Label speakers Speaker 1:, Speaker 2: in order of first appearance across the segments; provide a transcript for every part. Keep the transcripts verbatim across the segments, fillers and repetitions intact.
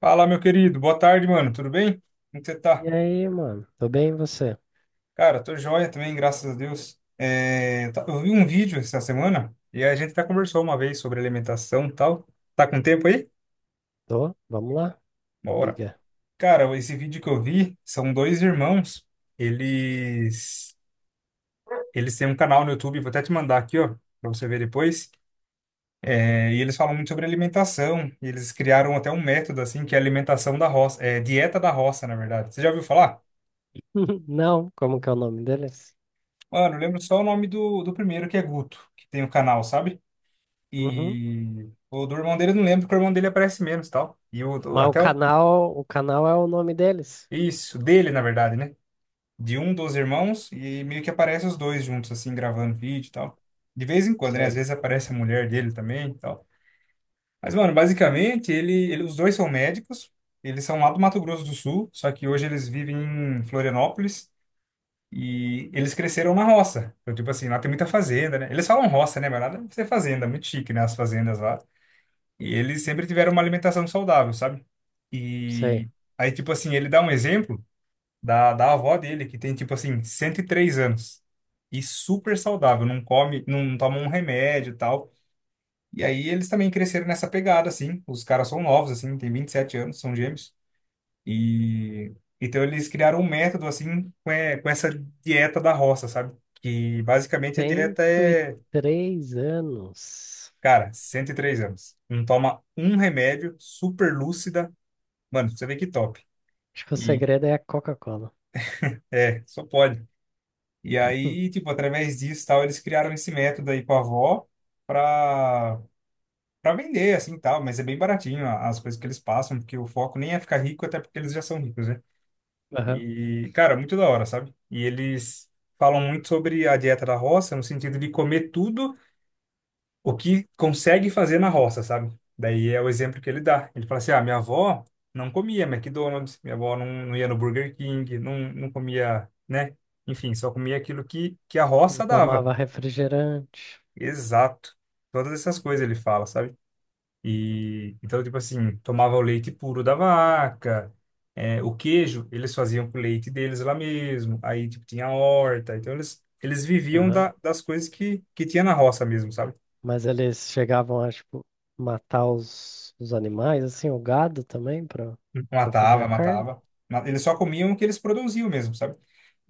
Speaker 1: Fala, meu querido. Boa tarde, mano. Tudo bem? Como que você tá?
Speaker 2: E aí, mano? Tô bem, e você?
Speaker 1: Cara, tô joia também, graças a Deus. É, tá- eu vi um vídeo essa semana e a gente até conversou uma vez sobre alimentação e tal. Tá com tempo aí?
Speaker 2: Tô? Vamos lá?
Speaker 1: Bora.
Speaker 2: Liga.
Speaker 1: Cara, esse vídeo que eu vi são dois irmãos. Eles eles têm um canal no YouTube, vou até te mandar aqui, ó, pra você ver depois. É, e eles falam muito sobre alimentação. E eles criaram até um método assim que é alimentação da roça, é dieta da roça, na verdade. Você já ouviu falar?
Speaker 2: Não, como que é o nome deles?
Speaker 1: Mano, eu lembro só o nome do, do primeiro, que é Guto, que tem o canal, sabe?
Speaker 2: Uhum.
Speaker 1: E o do irmão dele eu não lembro, porque o irmão dele aparece menos, e tal. E o do-
Speaker 2: Mas o
Speaker 1: até o-
Speaker 2: canal, o canal é o nome deles?
Speaker 1: isso, dele, na verdade, né? De um dos irmãos, e meio que aparece os dois juntos, assim, gravando vídeo e tal. De vez em quando, né? Às
Speaker 2: Sei,
Speaker 1: vezes aparece a mulher dele também e tal. Mas, mano, basicamente, ele, ele, os dois são médicos, eles são lá do Mato Grosso do Sul, só que hoje eles vivem em Florianópolis. E eles cresceram na roça. Então, tipo assim, lá tem muita fazenda, né? Eles falam roça, né? Mas nada de ser fazenda, é muito chique, né? As fazendas lá. E eles sempre tiveram uma alimentação saudável, sabe?
Speaker 2: sei.
Speaker 1: E aí, tipo assim, ele dá um exemplo da, da avó dele, que tem, tipo assim, cento e três anos. E super saudável, não come, não toma um remédio e tal. E aí eles também cresceram nessa pegada, assim. Os caras são novos, assim, tem vinte e sete anos, são gêmeos. E então eles criaram um método assim com, é- com essa dieta da roça, sabe? Que basicamente a dieta
Speaker 2: cento e
Speaker 1: é,
Speaker 2: três anos.
Speaker 1: cara, cento e três anos. Não toma um remédio, super lúcida. Mano, pra você vê que top.
Speaker 2: Acho que o
Speaker 1: E
Speaker 2: segredo é a Coca-Cola.
Speaker 1: é, só pode. E
Speaker 2: Hum.
Speaker 1: aí, tipo, através disso, tal, eles criaram esse método aí com a avó pra para vender assim, tal, mas é bem baratinho a- as coisas que eles passam, porque o foco nem é ficar rico, até porque eles já são ricos, né?
Speaker 2: Aham.
Speaker 1: E, cara, muito da hora, sabe? E eles falam muito sobre a dieta da roça, no sentido de comer tudo o que consegue fazer na roça, sabe? Daí é o exemplo que ele dá. Ele fala assim: ah, minha avó não comia McDonald's, minha avó não, não ia no Burger King, não, não comia, né? Enfim, só comia aquilo que, que a
Speaker 2: Não
Speaker 1: roça dava.
Speaker 2: tomava refrigerante.
Speaker 1: Exato. Todas essas coisas ele fala, sabe? E então, tipo assim, tomava o leite puro da vaca, é, o queijo eles faziam com o leite deles lá mesmo. Aí, tipo, tinha a horta. Então, eles, eles viviam
Speaker 2: Aham.
Speaker 1: da, das coisas que, que tinha na roça mesmo, sabe?
Speaker 2: Mas eles chegavam a, tipo, matar os, os animais, assim, o gado também, pra, pra fazer a
Speaker 1: Matava,
Speaker 2: carne.
Speaker 1: matava. Ma- Eles só comiam o que eles produziam mesmo, sabe?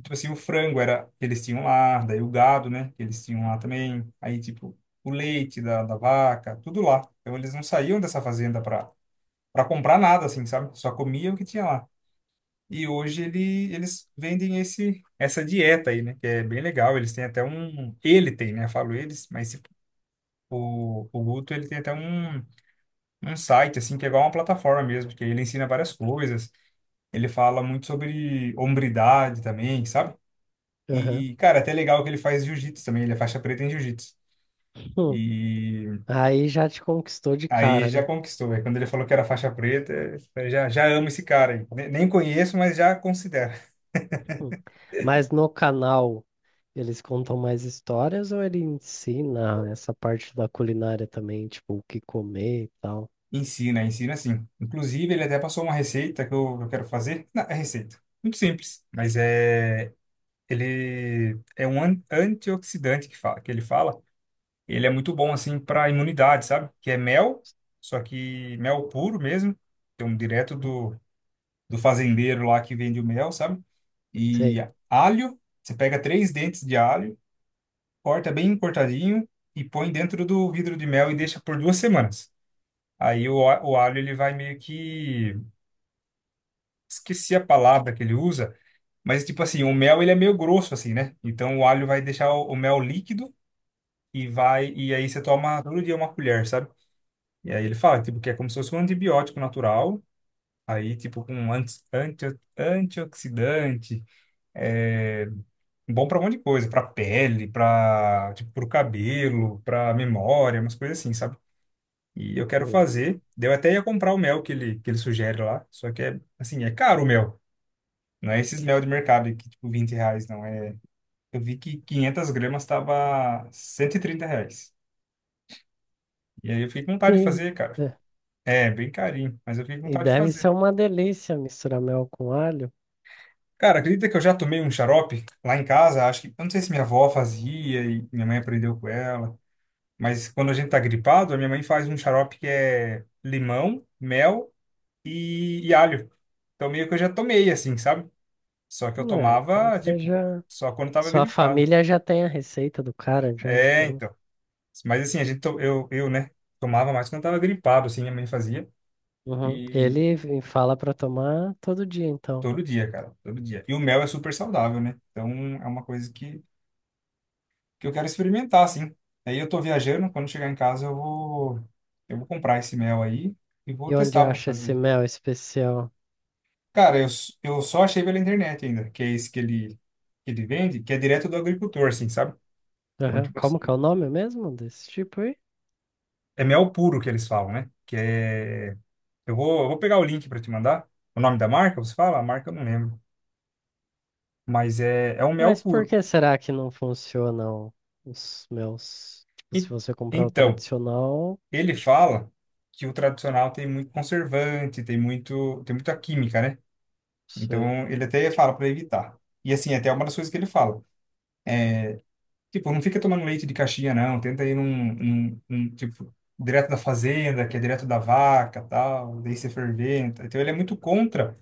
Speaker 1: Tipo assim, o frango era que eles tinham lá, daí o gado, né? Que eles tinham lá também. Aí, tipo, o leite da, da vaca, tudo lá. Então, eles não saíam dessa fazenda para para comprar nada, assim, sabe? Só comiam o que tinha lá. E hoje ele, eles vendem esse, essa dieta aí, né? Que é bem legal. Eles têm até um. Ele tem, né? Eu falo eles, mas esse- o, o Guto ele tem até um, um site, assim, que é igual uma plataforma mesmo, que ele ensina várias coisas. Ele fala muito sobre hombridade também, sabe?
Speaker 2: Aham.
Speaker 1: E, cara, até legal que ele faz jiu-jitsu também. Ele é faixa preta em jiu-jitsu.
Speaker 2: Hum.
Speaker 1: E
Speaker 2: Aí já te conquistou de
Speaker 1: aí
Speaker 2: cara,
Speaker 1: já
Speaker 2: né?
Speaker 1: conquistou. Aí quando ele falou que era faixa preta, eu falei, já, já amo esse cara aí. Ne- Nem conheço, mas já considero.
Speaker 2: Hum. Mas no canal eles contam mais histórias ou ele ensina essa parte da culinária também, tipo, o que comer e tal?
Speaker 1: Ensina, ensina sim. Inclusive, ele até passou uma receita que eu, eu quero fazer. Não, é receita. Muito simples, mas é ele é um an- antioxidante que fala, que ele fala. Ele é muito bom assim para imunidade, sabe? Que é mel, só que mel puro mesmo. Tem um direto do, do fazendeiro lá que vende o mel, sabe? E
Speaker 2: Sei.
Speaker 1: alho, você pega três dentes de alho, corta bem cortadinho e põe dentro do vidro de mel e deixa por duas semanas. Aí o, a- o alho ele vai meio que esqueci a palavra que ele usa, mas tipo assim, o mel ele é meio grosso assim, né? Então o alho vai deixar o, o mel líquido e vai e aí você toma todo dia uma colher, sabe? E aí ele fala tipo que é como se fosse um antibiótico natural, aí tipo com um anti, anti, antioxidante, é bom para um monte de coisa, para pele, para tipo pro cabelo, para memória, umas coisas assim, sabe? E eu quero
Speaker 2: Hum.
Speaker 1: fazer. Daí eu até ia comprar o mel que ele, que ele sugere lá, só que é assim, é caro o mel. Não é esses mel de mercado aí que, tipo, vinte reais, não. É... Eu vi que 500 gramas tava cento e trinta reais. E aí eu fiquei com vontade de fazer, cara.
Speaker 2: É.
Speaker 1: É, bem carinho, mas eu fiquei com
Speaker 2: E
Speaker 1: vontade de
Speaker 2: deve ser
Speaker 1: fazer.
Speaker 2: uma delícia misturar mel com alho.
Speaker 1: Cara, acredita que eu já tomei um xarope lá em casa? Acho que, eu não sei se minha avó fazia e minha mãe aprendeu com ela. Mas quando a gente tá gripado, a minha mãe faz um xarope que é limão, mel e, e alho. Então meio que eu já tomei, assim, sabe? Só que eu
Speaker 2: Né? Então
Speaker 1: tomava,
Speaker 2: você
Speaker 1: tipo,
Speaker 2: já.
Speaker 1: só quando tava
Speaker 2: Sua
Speaker 1: gripado.
Speaker 2: família já tem a receita do cara, já,
Speaker 1: É,
Speaker 2: então.
Speaker 1: então. Mas assim, a gente, to- eu, eu, né, tomava mais quando tava gripado, assim, minha mãe fazia.
Speaker 2: Uhum.
Speaker 1: E
Speaker 2: Ele vem- fala pra tomar todo dia, então.
Speaker 1: todo dia, cara, todo dia. E o mel é super saudável, né? Então é uma coisa que, que eu quero experimentar, assim. Aí eu tô viajando, quando chegar em casa eu vou, eu vou comprar esse mel aí e vou
Speaker 2: E onde
Speaker 1: testar para
Speaker 2: acha esse
Speaker 1: fazer.
Speaker 2: mel especial?
Speaker 1: Cara, eu, s- eu só achei pela internet ainda, que é esse que ele, que ele vende, que é direto do agricultor, assim, sabe? Então,
Speaker 2: Aham.
Speaker 1: tipo assim,
Speaker 2: Como que é o nome mesmo desse tipo aí?
Speaker 1: é mel puro que eles falam, né? Que é... Eu vou, eu vou pegar o link para te mandar. O nome da marca, você fala? A marca eu não lembro, mas é, é um mel
Speaker 2: Mas por
Speaker 1: puro.
Speaker 2: que será que não funcionam os meus? Tipo, se
Speaker 1: E,
Speaker 2: você comprar o
Speaker 1: então,
Speaker 2: tradicional,
Speaker 1: ele fala que o tradicional tem muito conservante, tem muito, tem muita química, né?
Speaker 2: sei.
Speaker 1: Então, ele até fala para evitar. E assim, até uma das coisas que ele fala. Tipo, não fica tomando leite de caixinha, não. Tenta ir num, num, num, tipo, direto da fazenda, que é direto da vaca, tal. Daí você ferventa. Então, ele é muito contra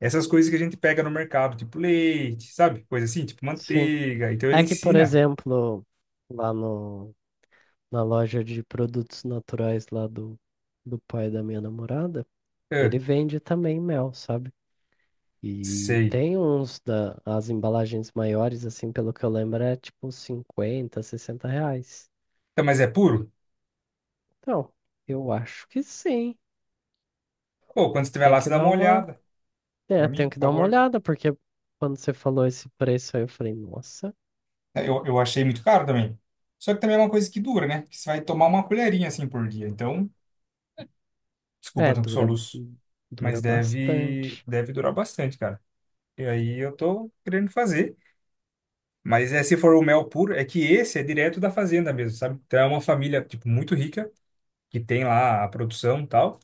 Speaker 1: essas coisas que a gente pega no mercado, tipo leite, sabe? Coisa assim, tipo
Speaker 2: Sim.
Speaker 1: manteiga. Então, ele
Speaker 2: É que, por
Speaker 1: ensina.
Speaker 2: exemplo, lá no, na loja de produtos naturais lá do, do pai da minha namorada,
Speaker 1: Ah,
Speaker 2: ele vende também mel, sabe? E
Speaker 1: sei.
Speaker 2: tem uns da, as embalagens maiores, assim, pelo que eu lembro, é tipo cinquenta sessenta reais.
Speaker 1: Então, mas é puro?
Speaker 2: Então, eu acho que sim.
Speaker 1: Pô, quando você estiver
Speaker 2: Tem
Speaker 1: lá, você
Speaker 2: que
Speaker 1: dá
Speaker 2: dar
Speaker 1: uma
Speaker 2: uma,
Speaker 1: olhada pra
Speaker 2: é,
Speaker 1: mim,
Speaker 2: tenho
Speaker 1: por
Speaker 2: que dar uma
Speaker 1: favor.
Speaker 2: olhada, porque quando você falou esse preço aí, eu falei, nossa,
Speaker 1: É, Eu, eu achei muito caro também. Só que também é uma coisa que dura, né? Que você vai tomar uma colherinha assim por dia. Então, desculpa,
Speaker 2: é,
Speaker 1: tô com
Speaker 2: dura,
Speaker 1: soluço. Mas
Speaker 2: dura
Speaker 1: deve,
Speaker 2: bastante.
Speaker 1: deve durar bastante, cara. E aí eu tô querendo fazer. Mas é, se for o mel puro, é que esse é direto da fazenda mesmo, sabe? Então é uma família, tipo, muito rica, que tem lá a produção e tal.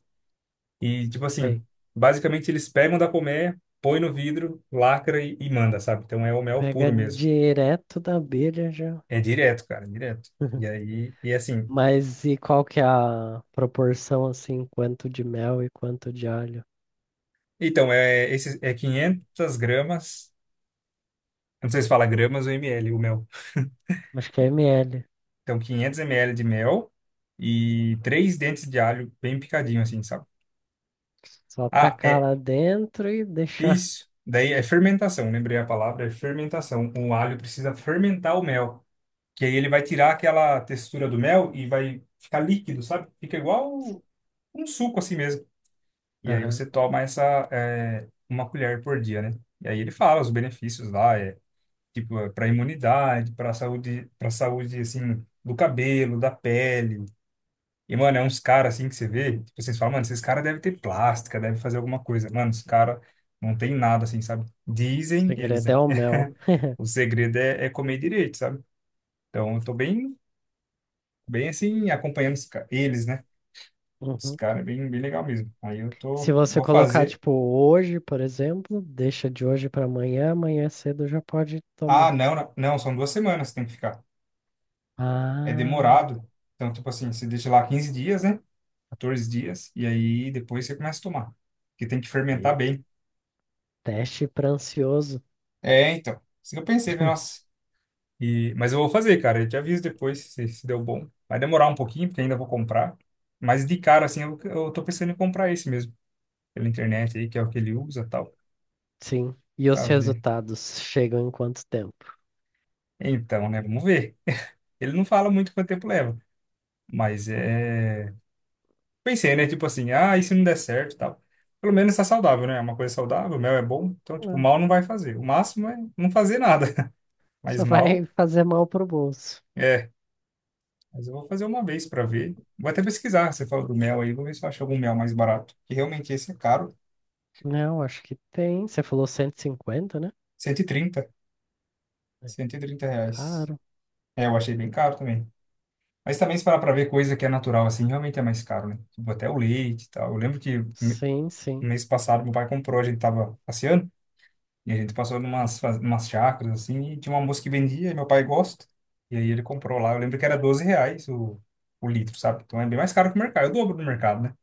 Speaker 1: E, tipo
Speaker 2: Isso
Speaker 1: assim,
Speaker 2: aí
Speaker 1: basicamente eles pegam da colmeia, põe no vidro, lacra e, e manda, sabe? Então é o mel
Speaker 2: pega
Speaker 1: puro mesmo.
Speaker 2: direto da abelha já.
Speaker 1: É direto, cara, é direto. E aí, e assim,
Speaker 2: Mas e qual que é a proporção, assim, quanto de mel e quanto de alho?
Speaker 1: então, é, esse, é quinhentos gramas, eu não sei se fala gramas ou ml, o mel.
Speaker 2: Acho que é ml.
Speaker 1: Então, quinhentos ml de mel e três dentes de alho bem picadinho, assim, sabe?
Speaker 2: Só
Speaker 1: Ah,
Speaker 2: tacar
Speaker 1: é
Speaker 2: lá dentro e deixar.
Speaker 1: isso. Daí é fermentação, lembrei a palavra, é fermentação. O alho precisa fermentar o mel, que aí ele vai tirar aquela textura do mel e vai ficar líquido, sabe? Fica igual um suco, assim mesmo. E aí
Speaker 2: Aham.
Speaker 1: você toma essa, é, uma colher por dia, né? E aí ele fala os benefícios lá, é tipo é para imunidade, para saúde, para saúde assim do cabelo, da pele. E mano, é uns caras assim que você vê, tipo, vocês falam, mano, esses caras devem ter plástica, devem fazer alguma coisa. Mano, os caras não tem nada assim, sabe?
Speaker 2: O
Speaker 1: Dizem eles,
Speaker 2: segredo
Speaker 1: né?
Speaker 2: é o mel.
Speaker 1: O segredo é, é comer direito, sabe? Então eu tô bem, bem assim acompanhando os ca- eles, né? Os
Speaker 2: Uhum.
Speaker 1: caras é bem, bem legal mesmo. Aí eu
Speaker 2: Se
Speaker 1: tô,
Speaker 2: você
Speaker 1: vou
Speaker 2: colocar,
Speaker 1: fazer.
Speaker 2: tipo, hoje, por exemplo, deixa de hoje para amanhã, amanhã cedo já pode
Speaker 1: Ah,
Speaker 2: tomar.
Speaker 1: não, não, não, são duas semanas que tem que ficar. É
Speaker 2: Ah,
Speaker 1: demorado. Então, tipo assim, você deixa lá quinze dias, né? Quatorze dias, e aí depois você começa a tomar. Porque tem que fermentar
Speaker 2: sei.
Speaker 1: bem.
Speaker 2: Teste para ansioso.
Speaker 1: É, então. Isso que eu pensei, falei, nossa. E, mas eu vou fazer, cara. Eu te aviso depois se, se deu bom. Vai demorar um pouquinho, porque ainda vou comprar. Mas de cara, assim, eu, eu tô pensando em comprar esse mesmo. Pela internet aí, que é o que ele usa e tal.
Speaker 2: Sim. E os
Speaker 1: Pra ver.
Speaker 2: resultados chegam em quanto tempo?
Speaker 1: Então, né? Vamos ver. Ele não fala muito quanto tempo leva. Mas é. Pensei, né? Tipo assim, ah, e se não der certo e tal. Pelo menos tá saudável, né? É uma coisa saudável, mel é bom, então, tipo,
Speaker 2: Não.
Speaker 1: mal não vai fazer. O máximo é não fazer nada, mas
Speaker 2: Só
Speaker 1: mal
Speaker 2: vai fazer mal pro bolso.
Speaker 1: é. Mas eu vou fazer uma vez pra ver. Vou até pesquisar, você falou do mel aí, vou ver se eu acho algum mel mais barato. Que realmente esse é caro,
Speaker 2: Não, acho que tem. Você falou cento e cinquenta, né?
Speaker 1: cento cento e trinta
Speaker 2: É
Speaker 1: cento e trinta reais.
Speaker 2: caro.
Speaker 1: É, eu achei bem caro também. Mas também se parar pra ver coisa que é natural, assim, realmente é mais caro, né? Tipo, até o leite e tal. Eu lembro que no
Speaker 2: Sim, sim,
Speaker 1: mês passado meu pai comprou, a gente tava passeando, e a gente passou numas, fa- numas chacras, assim, e tinha uma moça que vendia, e meu pai gosta. E aí ele comprou lá. Eu lembro que era doze reais o, o litro, sabe? Então é bem mais caro que o mercado, é o dobro do mercado, né?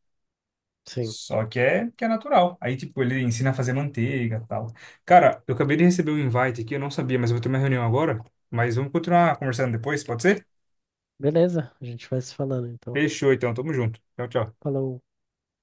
Speaker 2: sim.
Speaker 1: Só que é, que é natural. Aí, tipo, ele ensina a fazer manteiga e tal. Cara, eu acabei de receber um invite aqui, eu não sabia, mas eu vou ter uma reunião agora. Mas vamos continuar conversando depois, pode ser?
Speaker 2: Beleza, a gente vai se falando então.
Speaker 1: Fechou, então. Tamo junto. Tchau, tchau.
Speaker 2: Falou.